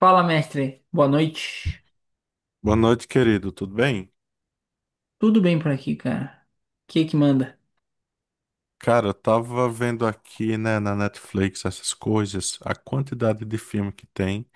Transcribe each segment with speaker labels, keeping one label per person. Speaker 1: Fala, mestre. Boa noite.
Speaker 2: Boa noite, querido. Tudo bem?
Speaker 1: Tudo bem por aqui, cara? O que que manda?
Speaker 2: Cara, eu tava vendo aqui, né, na Netflix essas coisas, a quantidade de filme que tem,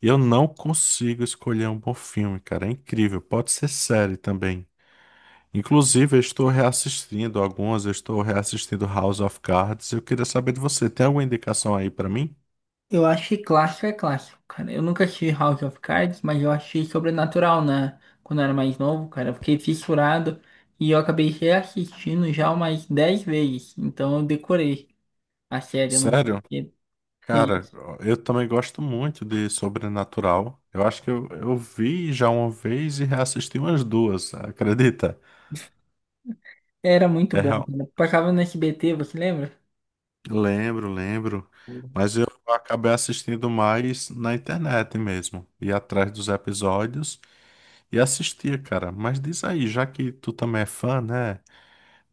Speaker 2: e eu não consigo escolher um bom filme, cara. É incrível. Pode ser série também. Inclusive, eu estou reassistindo algumas, eu estou reassistindo House of Cards. Eu queria saber de você, tem alguma indicação aí pra mim?
Speaker 1: Eu acho que clássico é clássico, cara. Eu nunca assisti House of Cards, mas eu achei Sobrenatural, né? Quando eu era mais novo, cara, eu fiquei fissurado e eu acabei reassistindo já umas 10 vezes. Então eu decorei a série, eu não sei
Speaker 2: Sério?
Speaker 1: se
Speaker 2: Cara,
Speaker 1: conheço.
Speaker 2: eu também gosto muito de Sobrenatural. Eu acho que eu vi já uma vez e reassisti umas duas, acredita?
Speaker 1: Era muito
Speaker 2: É,
Speaker 1: bom, cara. Passava no SBT, você lembra?
Speaker 2: lembro, lembro. Mas eu acabei assistindo mais na internet mesmo. Ia atrás dos episódios e assistia, cara. Mas diz aí, já que tu também é fã, né?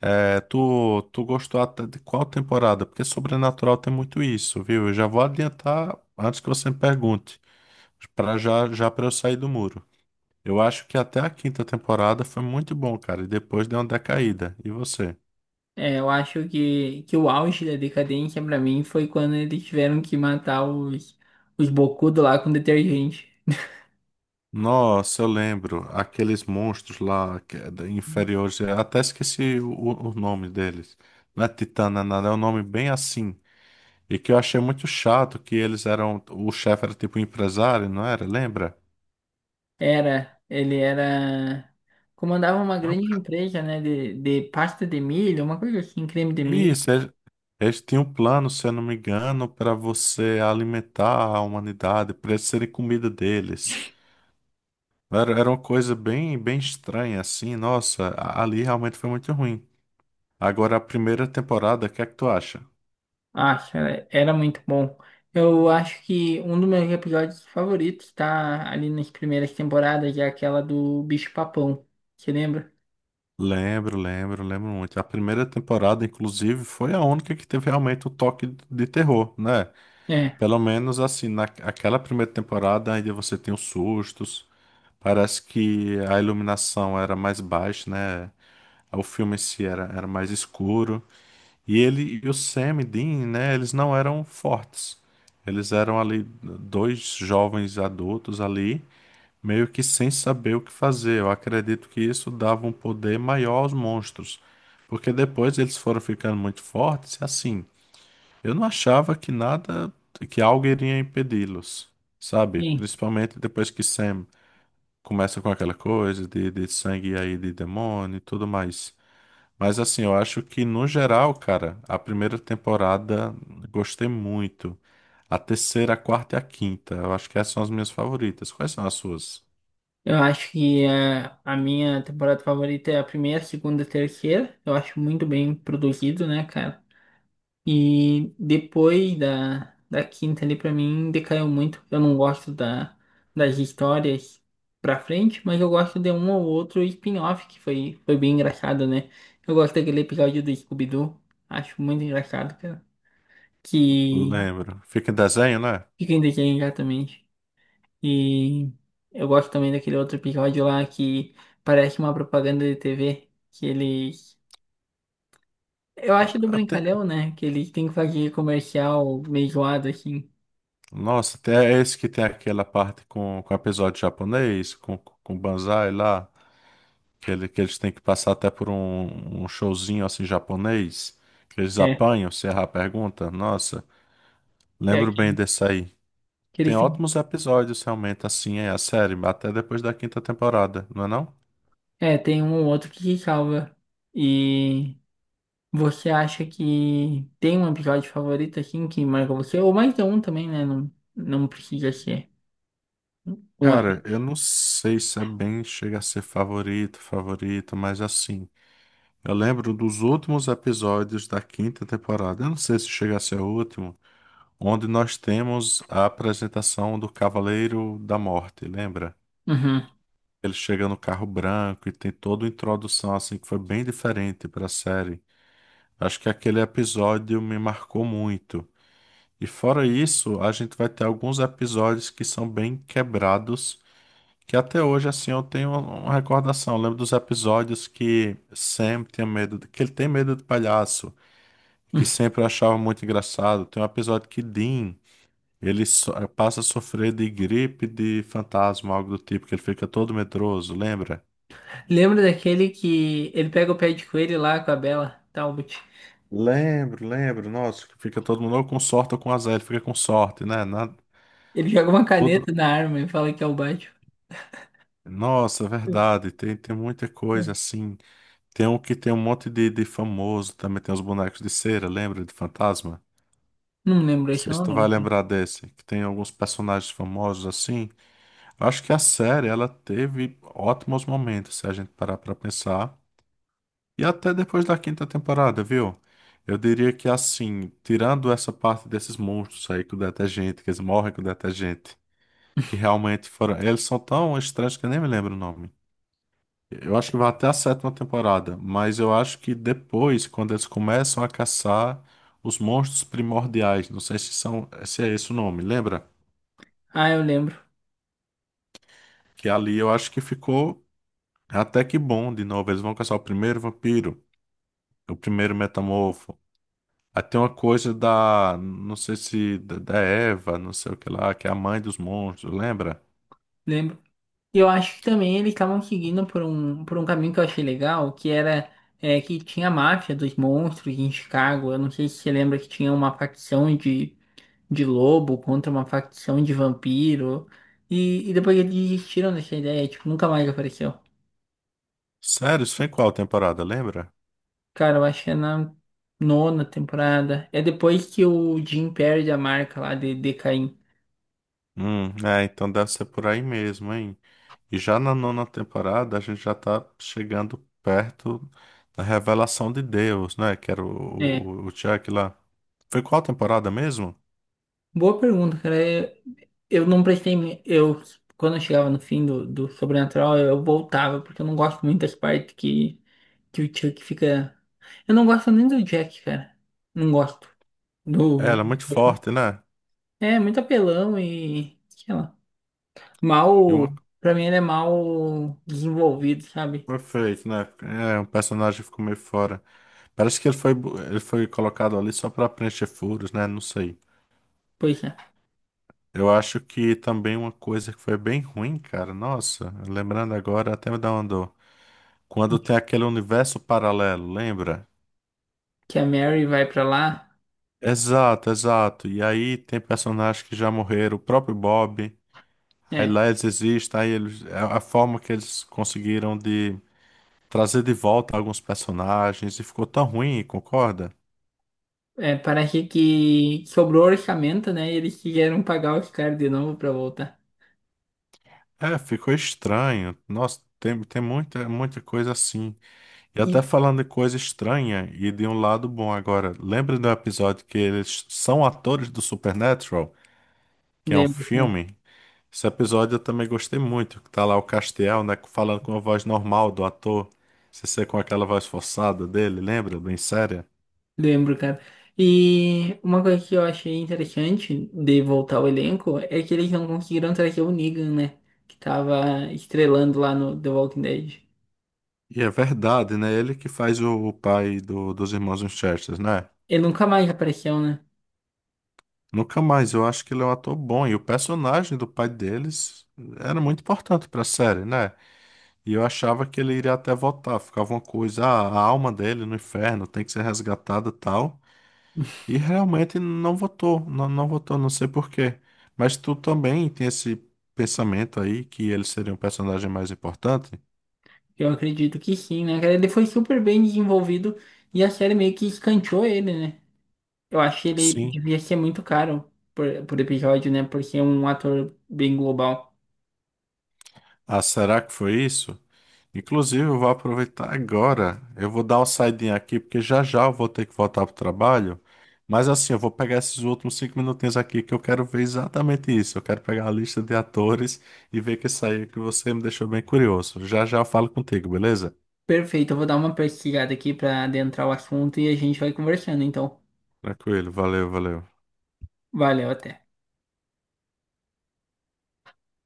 Speaker 2: É, tu gostou até de qual temporada? Porque Sobrenatural tem muito isso, viu? Eu já vou adiantar antes que você me pergunte, para já, já para eu sair do muro. Eu acho que até a quinta temporada foi muito bom, cara. E depois deu uma decaída. E você?
Speaker 1: É, eu acho que, o auge da decadência pra mim foi quando eles tiveram que matar os bocudos lá com detergente.
Speaker 2: Nossa, eu lembro. Aqueles monstros lá, que é inferiores. Eu até esqueci o nome deles. Não é Titana, nada. É um nome bem assim. E que eu achei muito chato, que eles eram... O chefe era tipo um empresário, não era? Lembra?
Speaker 1: Era, ele era. Comandava uma
Speaker 2: Era um
Speaker 1: grande
Speaker 2: ca-
Speaker 1: empresa, né? De pasta de milho, uma coisa assim, creme de milho.
Speaker 2: Isso, eles tinham um plano, se eu não me engano, para você alimentar a humanidade, para eles serem comida deles. Era uma coisa bem, bem estranha, assim. Nossa, ali realmente foi muito ruim. Agora, a primeira temporada, o que é que tu acha?
Speaker 1: Acho, era muito bom. Eu acho que um dos meus episódios favoritos tá ali nas primeiras temporadas, é aquela do bicho-papão. Você lembra?
Speaker 2: Lembro, lembro, lembro muito. A primeira temporada, inclusive, foi a única que teve realmente o toque de terror, né?
Speaker 1: É.
Speaker 2: Pelo menos assim, naquela primeira temporada ainda você tem os sustos. Parece que a iluminação era mais baixa, né? O filme em si era mais escuro. E ele e o Sam e Dean, né? Eles não eram fortes. Eles eram ali dois jovens adultos ali meio que sem saber o que fazer. Eu acredito que isso dava um poder maior aos monstros, porque depois eles foram ficando muito fortes e assim, eu não achava que nada, que algo iria impedi-los, sabe?
Speaker 1: Sim.
Speaker 2: Principalmente depois que Sam começa com aquela coisa de sangue aí de demônio e tudo mais. Mas assim, eu acho que no geral, cara, a primeira temporada gostei muito. A terceira, a quarta e a quinta. Eu acho que essas são as minhas favoritas. Quais são as suas?
Speaker 1: Eu acho que é, a minha temporada favorita é a primeira, segunda, terceira. Eu acho muito bem produzido, né, cara? E depois da quinta ali, pra mim, decaiu muito. Eu não gosto da, das histórias pra frente, mas eu gosto de um ou outro spin-off que foi bem engraçado, né? Eu gosto daquele episódio do Scooby-Doo. Acho muito engraçado, cara. Que
Speaker 2: Lembro. Fica em desenho, né?
Speaker 1: fica em desenho, exatamente. E eu gosto também daquele outro episódio lá que parece uma propaganda de TV, que ele. Eu
Speaker 2: Tá,
Speaker 1: acho do
Speaker 2: Até...
Speaker 1: Brincalhão, né? Que ele tem que fazer comercial meio zoado, assim.
Speaker 2: Nossa, até é esse que tem aquela parte com episódio japonês, com o Banzai lá, que eles têm que passar até por um showzinho assim japonês, que eles
Speaker 1: É,
Speaker 2: apanham, se errar a pergunta. Nossa,
Speaker 1: é.
Speaker 2: lembro bem desse aí.
Speaker 1: Que ele
Speaker 2: Tem
Speaker 1: tem...
Speaker 2: ótimos episódios realmente assim, é a série, até depois da quinta temporada, não é não?
Speaker 1: É, tem um ou outro que se salva. E você acha que tem um episódio favorito, assim, que marca você? Ou mais de um também, né? Não, não precisa ser um
Speaker 2: Cara, eu
Speaker 1: apenas.
Speaker 2: não sei se é bem, chega a ser favorito, favorito, mas assim. Eu lembro dos últimos episódios da quinta temporada, eu não sei se chega a ser o último, onde nós temos a apresentação do Cavaleiro da Morte, lembra?
Speaker 1: Uhum.
Speaker 2: Ele chega no carro branco e tem toda uma introdução assim que foi bem diferente para a série. Acho que aquele episódio me marcou muito. E fora isso, a gente vai ter alguns episódios que são bem quebrados, que até hoje assim eu tenho uma recordação. Eu lembro dos episódios que Sam tinha medo, que ele tem medo de palhaço. Que sempre eu achava muito engraçado. Tem um episódio que Dean, ele passa a sofrer de gripe de fantasma, algo do tipo, que ele fica todo medroso, lembra?
Speaker 1: Lembra daquele que ele pega o pé de coelho lá com a Bela Talbot?
Speaker 2: Lembro, lembro. Nossa, que fica todo mundo ou com sorte ou com azar, ele fica com sorte, né?
Speaker 1: Ele joga uma caneta
Speaker 2: Tudo...
Speaker 1: na arma e fala que é o Batman.
Speaker 2: Nossa, é verdade. Tem muita coisa assim. Tem um que tem um monte de famoso, também tem os bonecos de cera, lembra de fantasma?
Speaker 1: Não lembro,
Speaker 2: Não
Speaker 1: acho que
Speaker 2: sei
Speaker 1: eu
Speaker 2: se
Speaker 1: não
Speaker 2: tu vai
Speaker 1: lembro.
Speaker 2: lembrar desse, que tem alguns personagens famosos assim. Eu acho que a série, ela teve ótimos momentos, se a gente parar pra pensar. E até depois da quinta temporada, viu? Eu diria que assim, tirando essa parte desses monstros aí com detergente, que eles morrem com detergente, que realmente foram. Eles são tão estranhos que eu nem me lembro o nome. Eu acho que vai até a sétima temporada, mas eu acho que depois, quando eles começam a caçar os monstros primordiais, não sei se são, se é esse o nome, lembra?
Speaker 1: Ah, eu lembro,
Speaker 2: Que ali eu acho que ficou. Até que bom, de novo, eles vão caçar o primeiro vampiro, o primeiro metamorfo. Aí tem uma coisa da, não sei se, da Eva, não sei o que lá, que é a mãe dos monstros, lembra?
Speaker 1: lembro. E eu acho que também eles estavam seguindo por um caminho que eu achei legal, que era é, que tinha a máfia dos monstros em Chicago. Eu não sei se você lembra que tinha uma facção de lobo contra uma facção de vampiro. E, depois eles desistiram dessa ideia, tipo, nunca mais apareceu.
Speaker 2: Sério, isso foi em qual temporada, lembra?
Speaker 1: Cara, eu acho que é na nona temporada. É depois que o Jim perde a marca lá de Caim.
Speaker 2: É, então deve ser por aí mesmo, hein? E já na nona temporada, a gente já tá chegando perto da revelação de Deus, né? Que era o,
Speaker 1: É,
Speaker 2: o, o Chuck lá. Foi qual temporada mesmo?
Speaker 1: boa pergunta, cara. Eu não prestei. Eu, quando eu chegava no fim do, do Sobrenatural, eu voltava, porque eu não gosto muito das partes que, o Chuck fica. Eu não gosto nem do Jack, cara. Não gosto.
Speaker 2: É,
Speaker 1: Do...
Speaker 2: ela é muito forte, né?
Speaker 1: É muito apelão e. Sei lá.
Speaker 2: E
Speaker 1: Mal.
Speaker 2: uma...
Speaker 1: Pra mim, ele é mal desenvolvido, sabe?
Speaker 2: Perfeito, né? É, um personagem ficou meio fora. Parece que ele foi colocado ali só pra preencher furos, né? Não sei.
Speaker 1: Pois é.
Speaker 2: Eu acho que também uma coisa que foi bem ruim, cara. Nossa, lembrando agora, até me dá uma dor. Quando tem aquele universo paralelo, lembra?
Speaker 1: Que a Mary vai pra lá.
Speaker 2: Exato, exato. E aí tem personagens que já morreram, o próprio Bob. Aí
Speaker 1: É.
Speaker 2: lá eles existem, aí eles, a forma que eles conseguiram de trazer de volta alguns personagens e ficou tão ruim, concorda?
Speaker 1: É, parece que sobrou orçamento, né? E eles quiseram pagar os caras de novo pra voltar.
Speaker 2: É, ficou estranho. Nossa, tem muita, muita coisa assim. E
Speaker 1: E
Speaker 2: até falando de coisa estranha e de um lado bom agora. Lembra do episódio que eles são atores do Supernatural, que é um
Speaker 1: lembro, cara.
Speaker 2: filme? Esse episódio eu também gostei muito, que tá lá o Castiel, né, falando com a voz normal do ator, sem ser com aquela voz forçada dele, lembra? Bem séria.
Speaker 1: Lembro, cara. E uma coisa que eu achei interessante de voltar ao elenco é que eles não conseguiram trazer o Negan, né? Que tava estrelando lá no The Walking Dead.
Speaker 2: E é verdade, né? Ele que faz o pai dos irmãos Winchester, né?
Speaker 1: Ele nunca mais apareceu, né?
Speaker 2: Nunca mais, eu acho que ele é um ator bom. E o personagem do pai deles era muito importante pra série, né? E eu achava que ele iria até voltar. Ficava uma coisa, ah, a alma dele no inferno tem que ser resgatada e tal. E realmente não votou, não, não votou, não sei por quê. Mas tu também tem esse pensamento aí que ele seria um personagem mais importante?
Speaker 1: Eu acredito que sim, né, cara? Ele foi super bem desenvolvido e a série meio que escanteou ele, né? Eu acho que ele
Speaker 2: Sim.
Speaker 1: devia ser muito caro por episódio, né? Por ser um ator bem global.
Speaker 2: Ah, será que foi isso? Inclusive, eu vou aproveitar agora. Eu vou dar uma saidinha aqui, porque já já eu vou ter que voltar pro trabalho. Mas assim, eu vou pegar esses últimos 5 minutinhos aqui que eu quero ver exatamente isso. Eu quero pegar a lista de atores e ver que isso aí que você me deixou bem curioso. Já já eu falo contigo, beleza?
Speaker 1: Perfeito, eu vou dar uma pesquisada aqui pra adentrar o assunto e a gente vai conversando, então.
Speaker 2: Tranquilo, valeu, valeu.
Speaker 1: Valeu, até.